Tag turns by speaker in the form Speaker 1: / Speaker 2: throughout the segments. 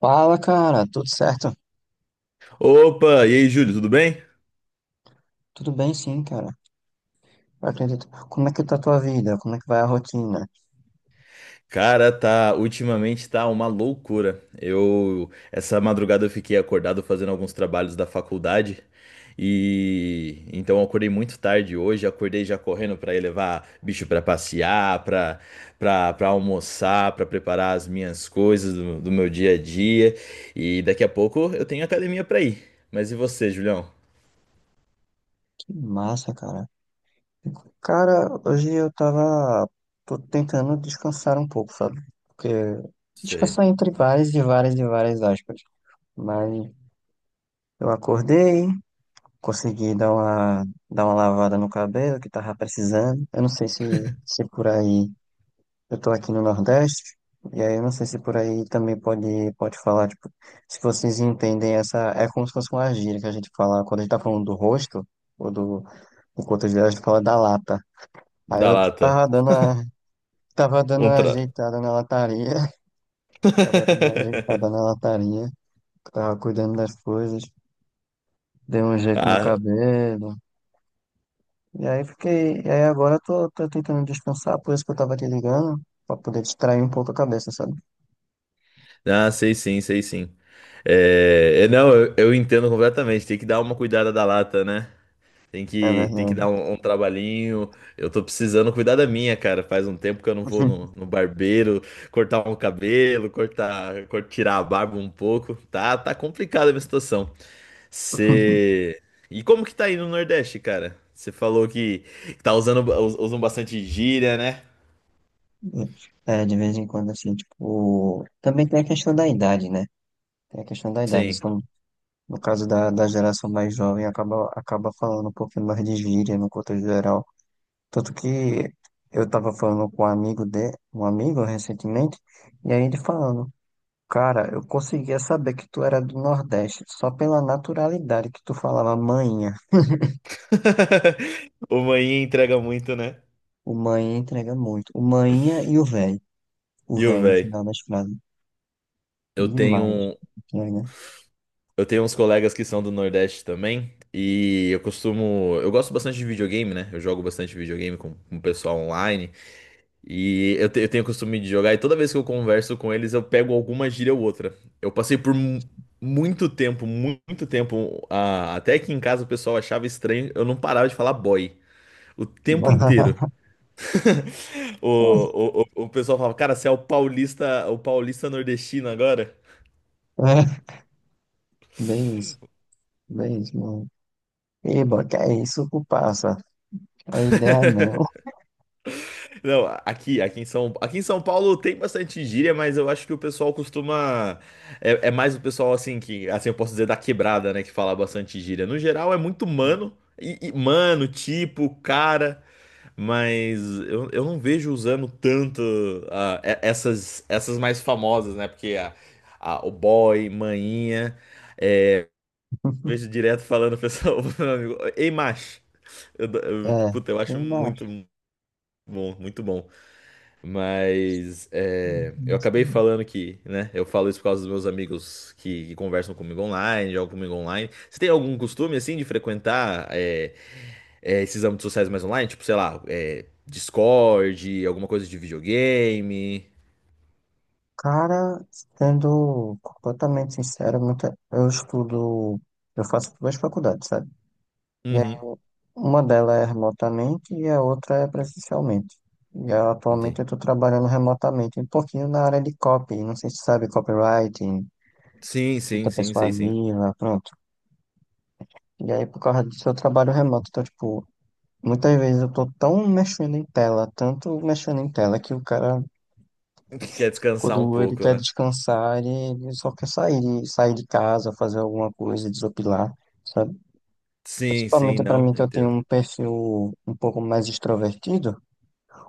Speaker 1: Fala, cara, tudo certo?
Speaker 2: Opa, e aí, Júlio, tudo bem?
Speaker 1: Tudo bem, sim, cara. Eu acredito. Como é que tá a tua vida? Como é que vai a rotina?
Speaker 2: Cara, tá, ultimamente tá uma loucura. Eu, essa madrugada eu fiquei acordado fazendo alguns trabalhos da faculdade e então eu acordei muito tarde hoje, acordei já correndo pra ir levar bicho pra passear, pra para almoçar, pra preparar as minhas coisas do meu dia a dia e daqui a pouco eu tenho academia pra ir. Mas e você, Julião?
Speaker 1: Que massa, cara. Cara, hoje eu tava. Tô tentando descansar um pouco, sabe? Porque.
Speaker 2: Sei.
Speaker 1: Descansar entre várias e várias e várias aspas. Mas eu acordei, consegui dar uma lavada no cabelo que tava precisando. Eu não sei se por aí. Eu tô aqui no Nordeste, e aí eu não sei se por aí também pode falar, tipo, se vocês entendem essa. É como se fosse uma gíria que a gente fala, quando a gente tá falando do rosto, ou do coto a gente fala da lata. Aí
Speaker 2: Da
Speaker 1: eu
Speaker 2: lata.
Speaker 1: tava dando
Speaker 2: Um
Speaker 1: uma
Speaker 2: tra...
Speaker 1: ajeitada na lataria, tava dando uma ajeitada na lataria, tava cuidando das coisas, dei um jeito no
Speaker 2: Ah,
Speaker 1: cabelo, e aí fiquei. E aí agora eu tô tentando descansar, por isso que eu tava te ligando, pra poder distrair um pouco a cabeça, sabe?
Speaker 2: ah, sei sim, sei sim. É, é, não, eu entendo completamente. Tem que dar uma cuidada da lata, né? Tem
Speaker 1: É
Speaker 2: que, tem que
Speaker 1: verdade.
Speaker 2: dar um, um trabalhinho. Eu tô precisando cuidar da minha, cara. Faz um tempo que eu não vou no barbeiro cortar um cabelo, cortar, tirar a barba um pouco. Tá, tá complicada a minha situação. Você. E como que tá aí no Nordeste, cara? Você falou que tá usando, usam bastante gíria, né?
Speaker 1: É, de vez em quando, assim, tipo. Também tem a questão da idade, né? Tem a questão da idade.
Speaker 2: Sim.
Speaker 1: Então, no caso da geração mais jovem, acaba falando um pouquinho mais de gíria no contexto geral. Tanto que eu tava falando com um amigo recentemente, e aí ele falando, cara, eu conseguia saber que tu era do Nordeste só pela naturalidade que tu falava manhinha.
Speaker 2: O manhinha entrega muito, né?
Speaker 1: O manhinha entrega muito. O manhinha e o velho. O
Speaker 2: E o
Speaker 1: velho no
Speaker 2: véi?
Speaker 1: final das frases.
Speaker 2: Eu
Speaker 1: Demais.
Speaker 2: tenho,
Speaker 1: Entrega.
Speaker 2: eu tenho uns colegas que são do Nordeste também, e eu costumo, eu gosto bastante de videogame, né? Eu jogo bastante videogame com o pessoal online, e eu, eu tenho o costume de jogar, e toda vez que eu converso com eles, eu pego alguma gíria ou outra. Eu passei por muito tempo, muito tempo, até que em casa o pessoal achava estranho, eu não parava de falar boy. O tempo inteiro. O pessoal falava, cara, você é o paulista nordestino agora?
Speaker 1: É, bem isso, bem isso, mano. Eba, que é isso, passa. A ideia é não.
Speaker 2: Não, aqui, aqui em São Paulo tem bastante gíria, mas eu acho que o pessoal costuma. É, é mais o pessoal assim que, assim eu posso dizer da quebrada, né, que fala bastante gíria. No geral é muito mano, mano, tipo, cara, mas eu não vejo usando tanto essas essas mais famosas, né? Porque o boy, maninha, é, eu vejo direto falando pessoal, meu amigo, ei, macho.
Speaker 1: É,
Speaker 2: Puta, eu acho
Speaker 1: eu não
Speaker 2: muito
Speaker 1: acho.
Speaker 2: bom, muito bom. Mas é, eu acabei falando que, né? Eu falo isso por causa dos meus amigos que conversam comigo online, jogam comigo online. Você tem algum costume, assim, de frequentar esses âmbitos sociais mais online? Tipo, sei lá, é, Discord, alguma coisa de videogame?
Speaker 1: Cara, sendo completamente sincero, eu estudo, eu faço duas faculdades, sabe? E aí,
Speaker 2: Uhum,
Speaker 1: uma delas é remotamente e a outra é presencialmente. E eu, atualmente
Speaker 2: entendi.
Speaker 1: eu estou trabalhando remotamente, um pouquinho na área de copy, não sei se sabe, copywriting,
Speaker 2: Sim, sim,
Speaker 1: escrita
Speaker 2: sim, sei sim.
Speaker 1: persuasiva, pronto. E aí, por causa disso, eu trabalho remoto, então, tipo, muitas vezes eu tô tão mexendo em tela, tanto mexendo em tela, que o cara,
Speaker 2: Que quer descansar um
Speaker 1: quando ele
Speaker 2: pouco,
Speaker 1: quer
Speaker 2: né?
Speaker 1: descansar, ele só quer sair, sair de casa, fazer alguma coisa, desopilar, sabe?
Speaker 2: Sim, sim,
Speaker 1: Principalmente pra
Speaker 2: não,
Speaker 1: mim, que eu tenho
Speaker 2: entendo.
Speaker 1: um perfil um pouco mais extrovertido,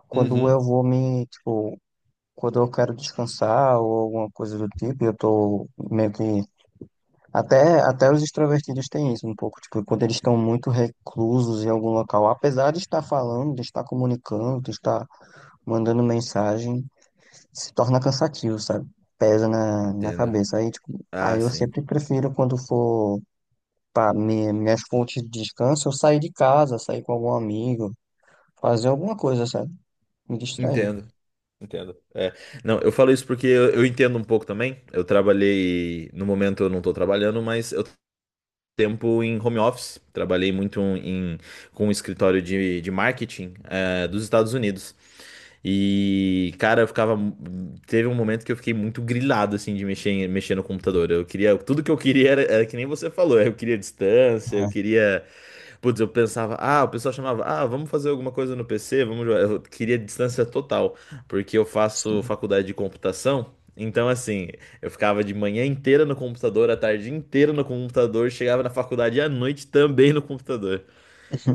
Speaker 1: quando
Speaker 2: Uhum,
Speaker 1: eu vou me, tipo, quando eu quero descansar ou alguma coisa do tipo, eu tô meio que. Até os extrovertidos têm isso um pouco, tipo, quando eles estão muito reclusos em algum local, apesar de estar falando, de estar comunicando, de estar mandando mensagem, se torna cansativo, sabe? Pesa na
Speaker 2: entendo.
Speaker 1: cabeça. Aí, tipo,
Speaker 2: Ah,
Speaker 1: aí eu
Speaker 2: sim,
Speaker 1: sempre prefiro quando for para minhas fontes de descanso, eu sair de casa, sair com algum amigo, fazer alguma coisa, sabe? Me distrair.
Speaker 2: entendo. Entendo. É. Não, eu falo isso porque eu entendo um pouco também. Eu trabalhei, no momento eu não tô trabalhando, mas eu tenho tempo em home office. Trabalhei muito um, em, com um escritório de marketing, dos Estados Unidos. E, cara, eu ficava. Teve um momento que eu fiquei muito grilado, assim, de mexer, mexer no computador. Eu queria. Tudo que eu queria era, era que nem você falou. Eu queria distância, eu
Speaker 1: Ah,
Speaker 2: queria. Putz, eu pensava, ah, o pessoal chamava, ah, vamos fazer alguma coisa no PC, vamos jogar. Eu queria distância total, porque eu faço
Speaker 1: sim.
Speaker 2: faculdade de computação. Então, assim, eu ficava de manhã inteira no computador, a tarde inteira no computador, chegava na faculdade à noite também no computador.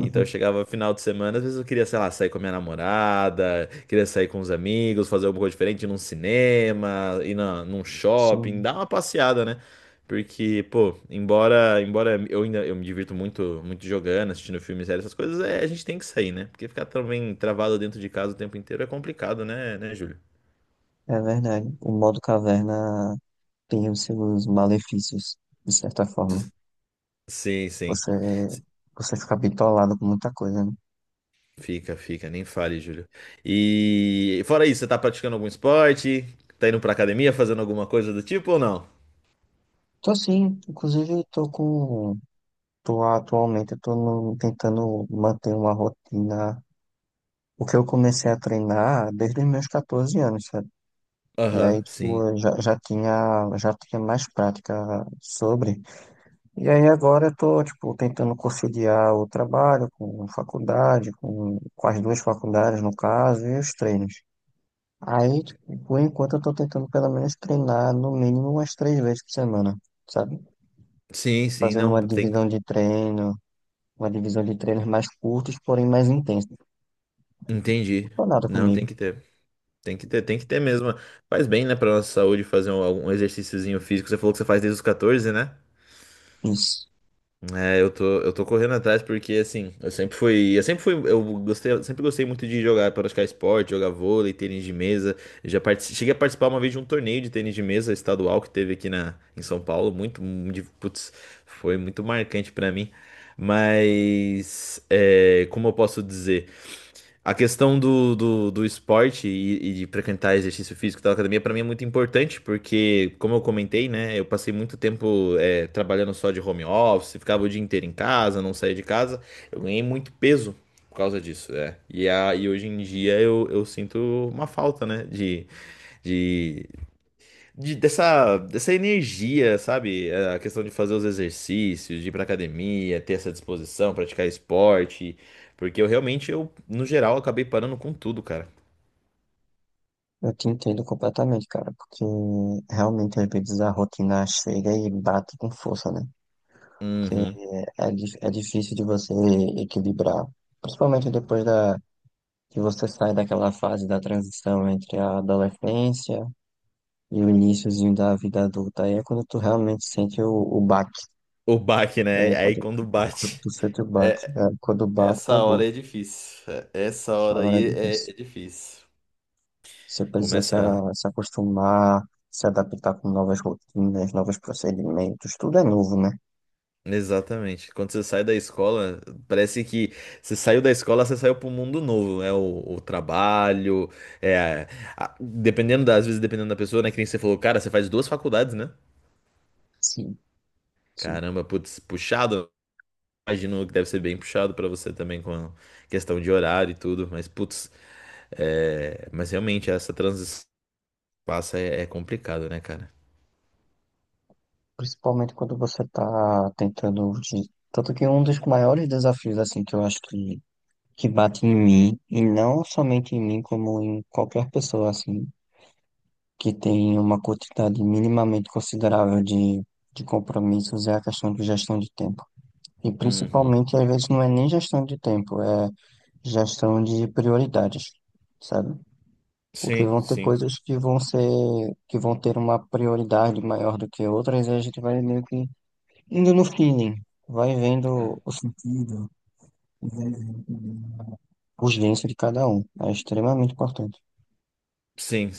Speaker 2: Então eu chegava final de semana, às vezes eu queria, sei lá, sair com a minha namorada, queria sair com os amigos, fazer alguma coisa diferente, ir num cinema, ir na, num shopping,
Speaker 1: Sim,
Speaker 2: dar uma passeada, né? Porque, pô, embora eu ainda eu me divirto muito, muito jogando, assistindo filmes, séries, essas coisas, é, a gente tem que sair, né? Porque ficar também travado dentro de casa o tempo inteiro é complicado, né, Júlio?
Speaker 1: é verdade. O modo caverna tem os seus malefícios, de certa forma.
Speaker 2: Sim, sim.
Speaker 1: Você,
Speaker 2: S-
Speaker 1: você fica bitolado com muita coisa, né?
Speaker 2: Fica, fica, nem fale, Júlio. E fora isso, você tá praticando algum esporte? Tá indo pra academia, fazendo alguma coisa do tipo ou não?
Speaker 1: Tô sim, inclusive tô com. Tô, atualmente eu tô tentando manter uma rotina, porque eu comecei a treinar desde os meus 14 anos, sabe? E
Speaker 2: Aham,
Speaker 1: aí, tipo,
Speaker 2: sim.
Speaker 1: eu já tinha mais prática sobre. E aí agora eu tô, tipo, tentando conciliar o trabalho com faculdade, com as duas faculdades, no caso, e os treinos. Aí, tipo, por enquanto eu tô tentando pelo menos treinar no mínimo umas três vezes por semana, sabe?
Speaker 2: Sim, sim,
Speaker 1: Fazendo
Speaker 2: não, tem,
Speaker 1: uma divisão de treinos mais curtos, porém mais intensos.
Speaker 2: entendi.
Speaker 1: Foi nada
Speaker 2: Não,
Speaker 1: comigo.
Speaker 2: tem que ter. Tem que ter mesmo. Faz bem, né, pra nossa saúde fazer um, algum exercíciozinho físico. Você falou que você faz desde os 14, né?
Speaker 1: Isso.
Speaker 2: É, eu tô correndo atrás porque, assim, eu sempre fui, eu gostei, eu sempre gostei muito de jogar, praticar esporte, jogar vôlei, tênis de mesa. Eu já cheguei a participar uma vez de um torneio de tênis de mesa estadual que teve aqui na, em São Paulo, muito, putz, foi muito marcante pra mim. Mas, é, como eu posso dizer? A questão do esporte e de frequentar exercício físico da academia, para mim é muito importante, porque, como eu comentei, né, eu passei muito tempo é, trabalhando só de home office, ficava o dia inteiro em casa, não saía de casa, eu ganhei muito peso por causa disso, é. E, a, e hoje em dia eu sinto uma falta, né, de, dessa, dessa energia, sabe? A questão de fazer os exercícios, de ir pra academia, ter essa disposição, praticar esporte. Porque eu realmente, eu, no geral, acabei parando com tudo, cara.
Speaker 1: Eu te entendo completamente, cara, porque realmente às vezes a rotina chega e bate com força, né? Porque
Speaker 2: Uhum.
Speaker 1: é difícil de você equilibrar, principalmente depois que você sai daquela fase da transição entre a adolescência e o iniciozinho da vida adulta. Aí é quando tu realmente sente o baque,
Speaker 2: O baque, né?
Speaker 1: né?
Speaker 2: Aí
Speaker 1: Quando,
Speaker 2: quando
Speaker 1: quando
Speaker 2: bate.
Speaker 1: tu sente o baque,
Speaker 2: É,
Speaker 1: é, quando o baque
Speaker 2: essa
Speaker 1: acabou.
Speaker 2: hora é difícil. É, essa
Speaker 1: Essa
Speaker 2: hora
Speaker 1: hora é
Speaker 2: aí é,
Speaker 1: difícil.
Speaker 2: é difícil.
Speaker 1: Você precisa
Speaker 2: Começa.
Speaker 1: se acostumar, se adaptar com novas rotinas, novos procedimentos, tudo é novo, né?
Speaker 2: Exatamente. Quando você sai da escola, parece que você saiu da escola, você saiu para um mundo novo, né? O trabalho, é, dependendo das às vezes, dependendo da pessoa, né? Que nem você falou, cara, você faz duas faculdades, né?
Speaker 1: Sim, sim.
Speaker 2: Caramba, putz, puxado. Imagino que deve ser bem puxado para você também com a questão de horário e tudo, mas putz, é, mas realmente essa transição que passa é, é complicado, né, cara?
Speaker 1: Principalmente quando você está tentando. Tanto que um dos maiores desafios, assim, que eu acho que bate em mim, e não somente em mim, como em qualquer pessoa, assim, que tem uma quantidade minimamente considerável de compromissos, é a questão de gestão de tempo. E
Speaker 2: Uhum.
Speaker 1: principalmente, às vezes, não é nem gestão de tempo, é gestão de prioridades, sabe? Porque
Speaker 2: Sim,
Speaker 1: vão ter
Speaker 2: sim.
Speaker 1: coisas que vão ser, que vão ter uma prioridade maior do que outras, e a gente vai meio que indo no feeling, vai vendo
Speaker 2: É.
Speaker 1: o sentido, e vai vendo também a urgência de cada um. É extremamente importante.
Speaker 2: Sim,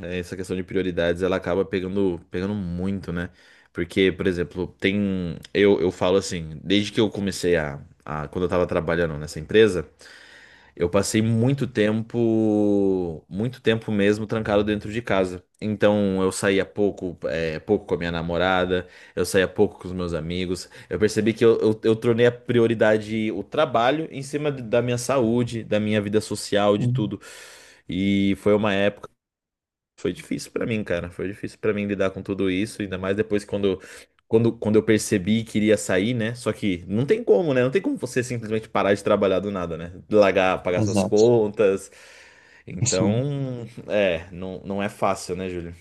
Speaker 2: é, essa questão de prioridades, ela acaba pegando, pegando muito, né? Porque, por exemplo, tem. Eu falo assim, desde que eu comecei a. Quando eu tava trabalhando nessa empresa, eu passei muito tempo. Muito tempo mesmo trancado dentro de casa. Então, eu saía pouco, é, pouco com a minha namorada, eu saía pouco com os meus amigos. Eu percebi que eu tornei a prioridade o trabalho em cima da minha saúde, da minha vida social, de
Speaker 1: Hum.
Speaker 2: tudo. E foi uma época. Foi difícil pra mim, cara. Foi difícil pra mim lidar com tudo isso, ainda mais depois que quando, quando eu percebi que iria sair, né? Só que não tem como, né? Não tem como você simplesmente parar de trabalhar do nada, né? Largar, pagar suas
Speaker 1: Exato.
Speaker 2: contas.
Speaker 1: Sim,
Speaker 2: Então, é, não, não é fácil, né, Júlio?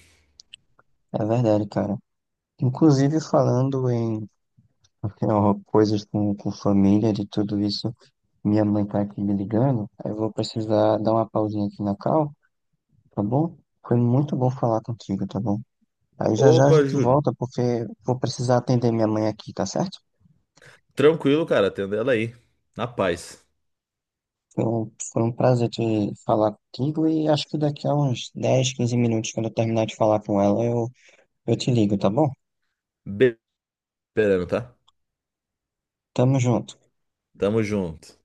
Speaker 1: é verdade, cara. Inclusive, falando em coisas com família, de tudo isso. Minha mãe tá aqui me ligando, aí eu vou precisar dar uma pausinha aqui na call, tá bom? Foi muito bom falar contigo, tá bom? Aí já já a
Speaker 2: Opa,
Speaker 1: gente
Speaker 2: Júlio.
Speaker 1: volta, porque vou precisar atender minha mãe aqui, tá certo?
Speaker 2: Tranquilo, cara. Atendendo ela aí. Na paz.
Speaker 1: Foi um prazer te falar contigo e acho que daqui a uns 10, 15 minutos, quando eu terminar de falar com ela, eu te ligo, tá bom?
Speaker 2: Be- Esperando, tá?
Speaker 1: Tamo junto.
Speaker 2: Tamo junto.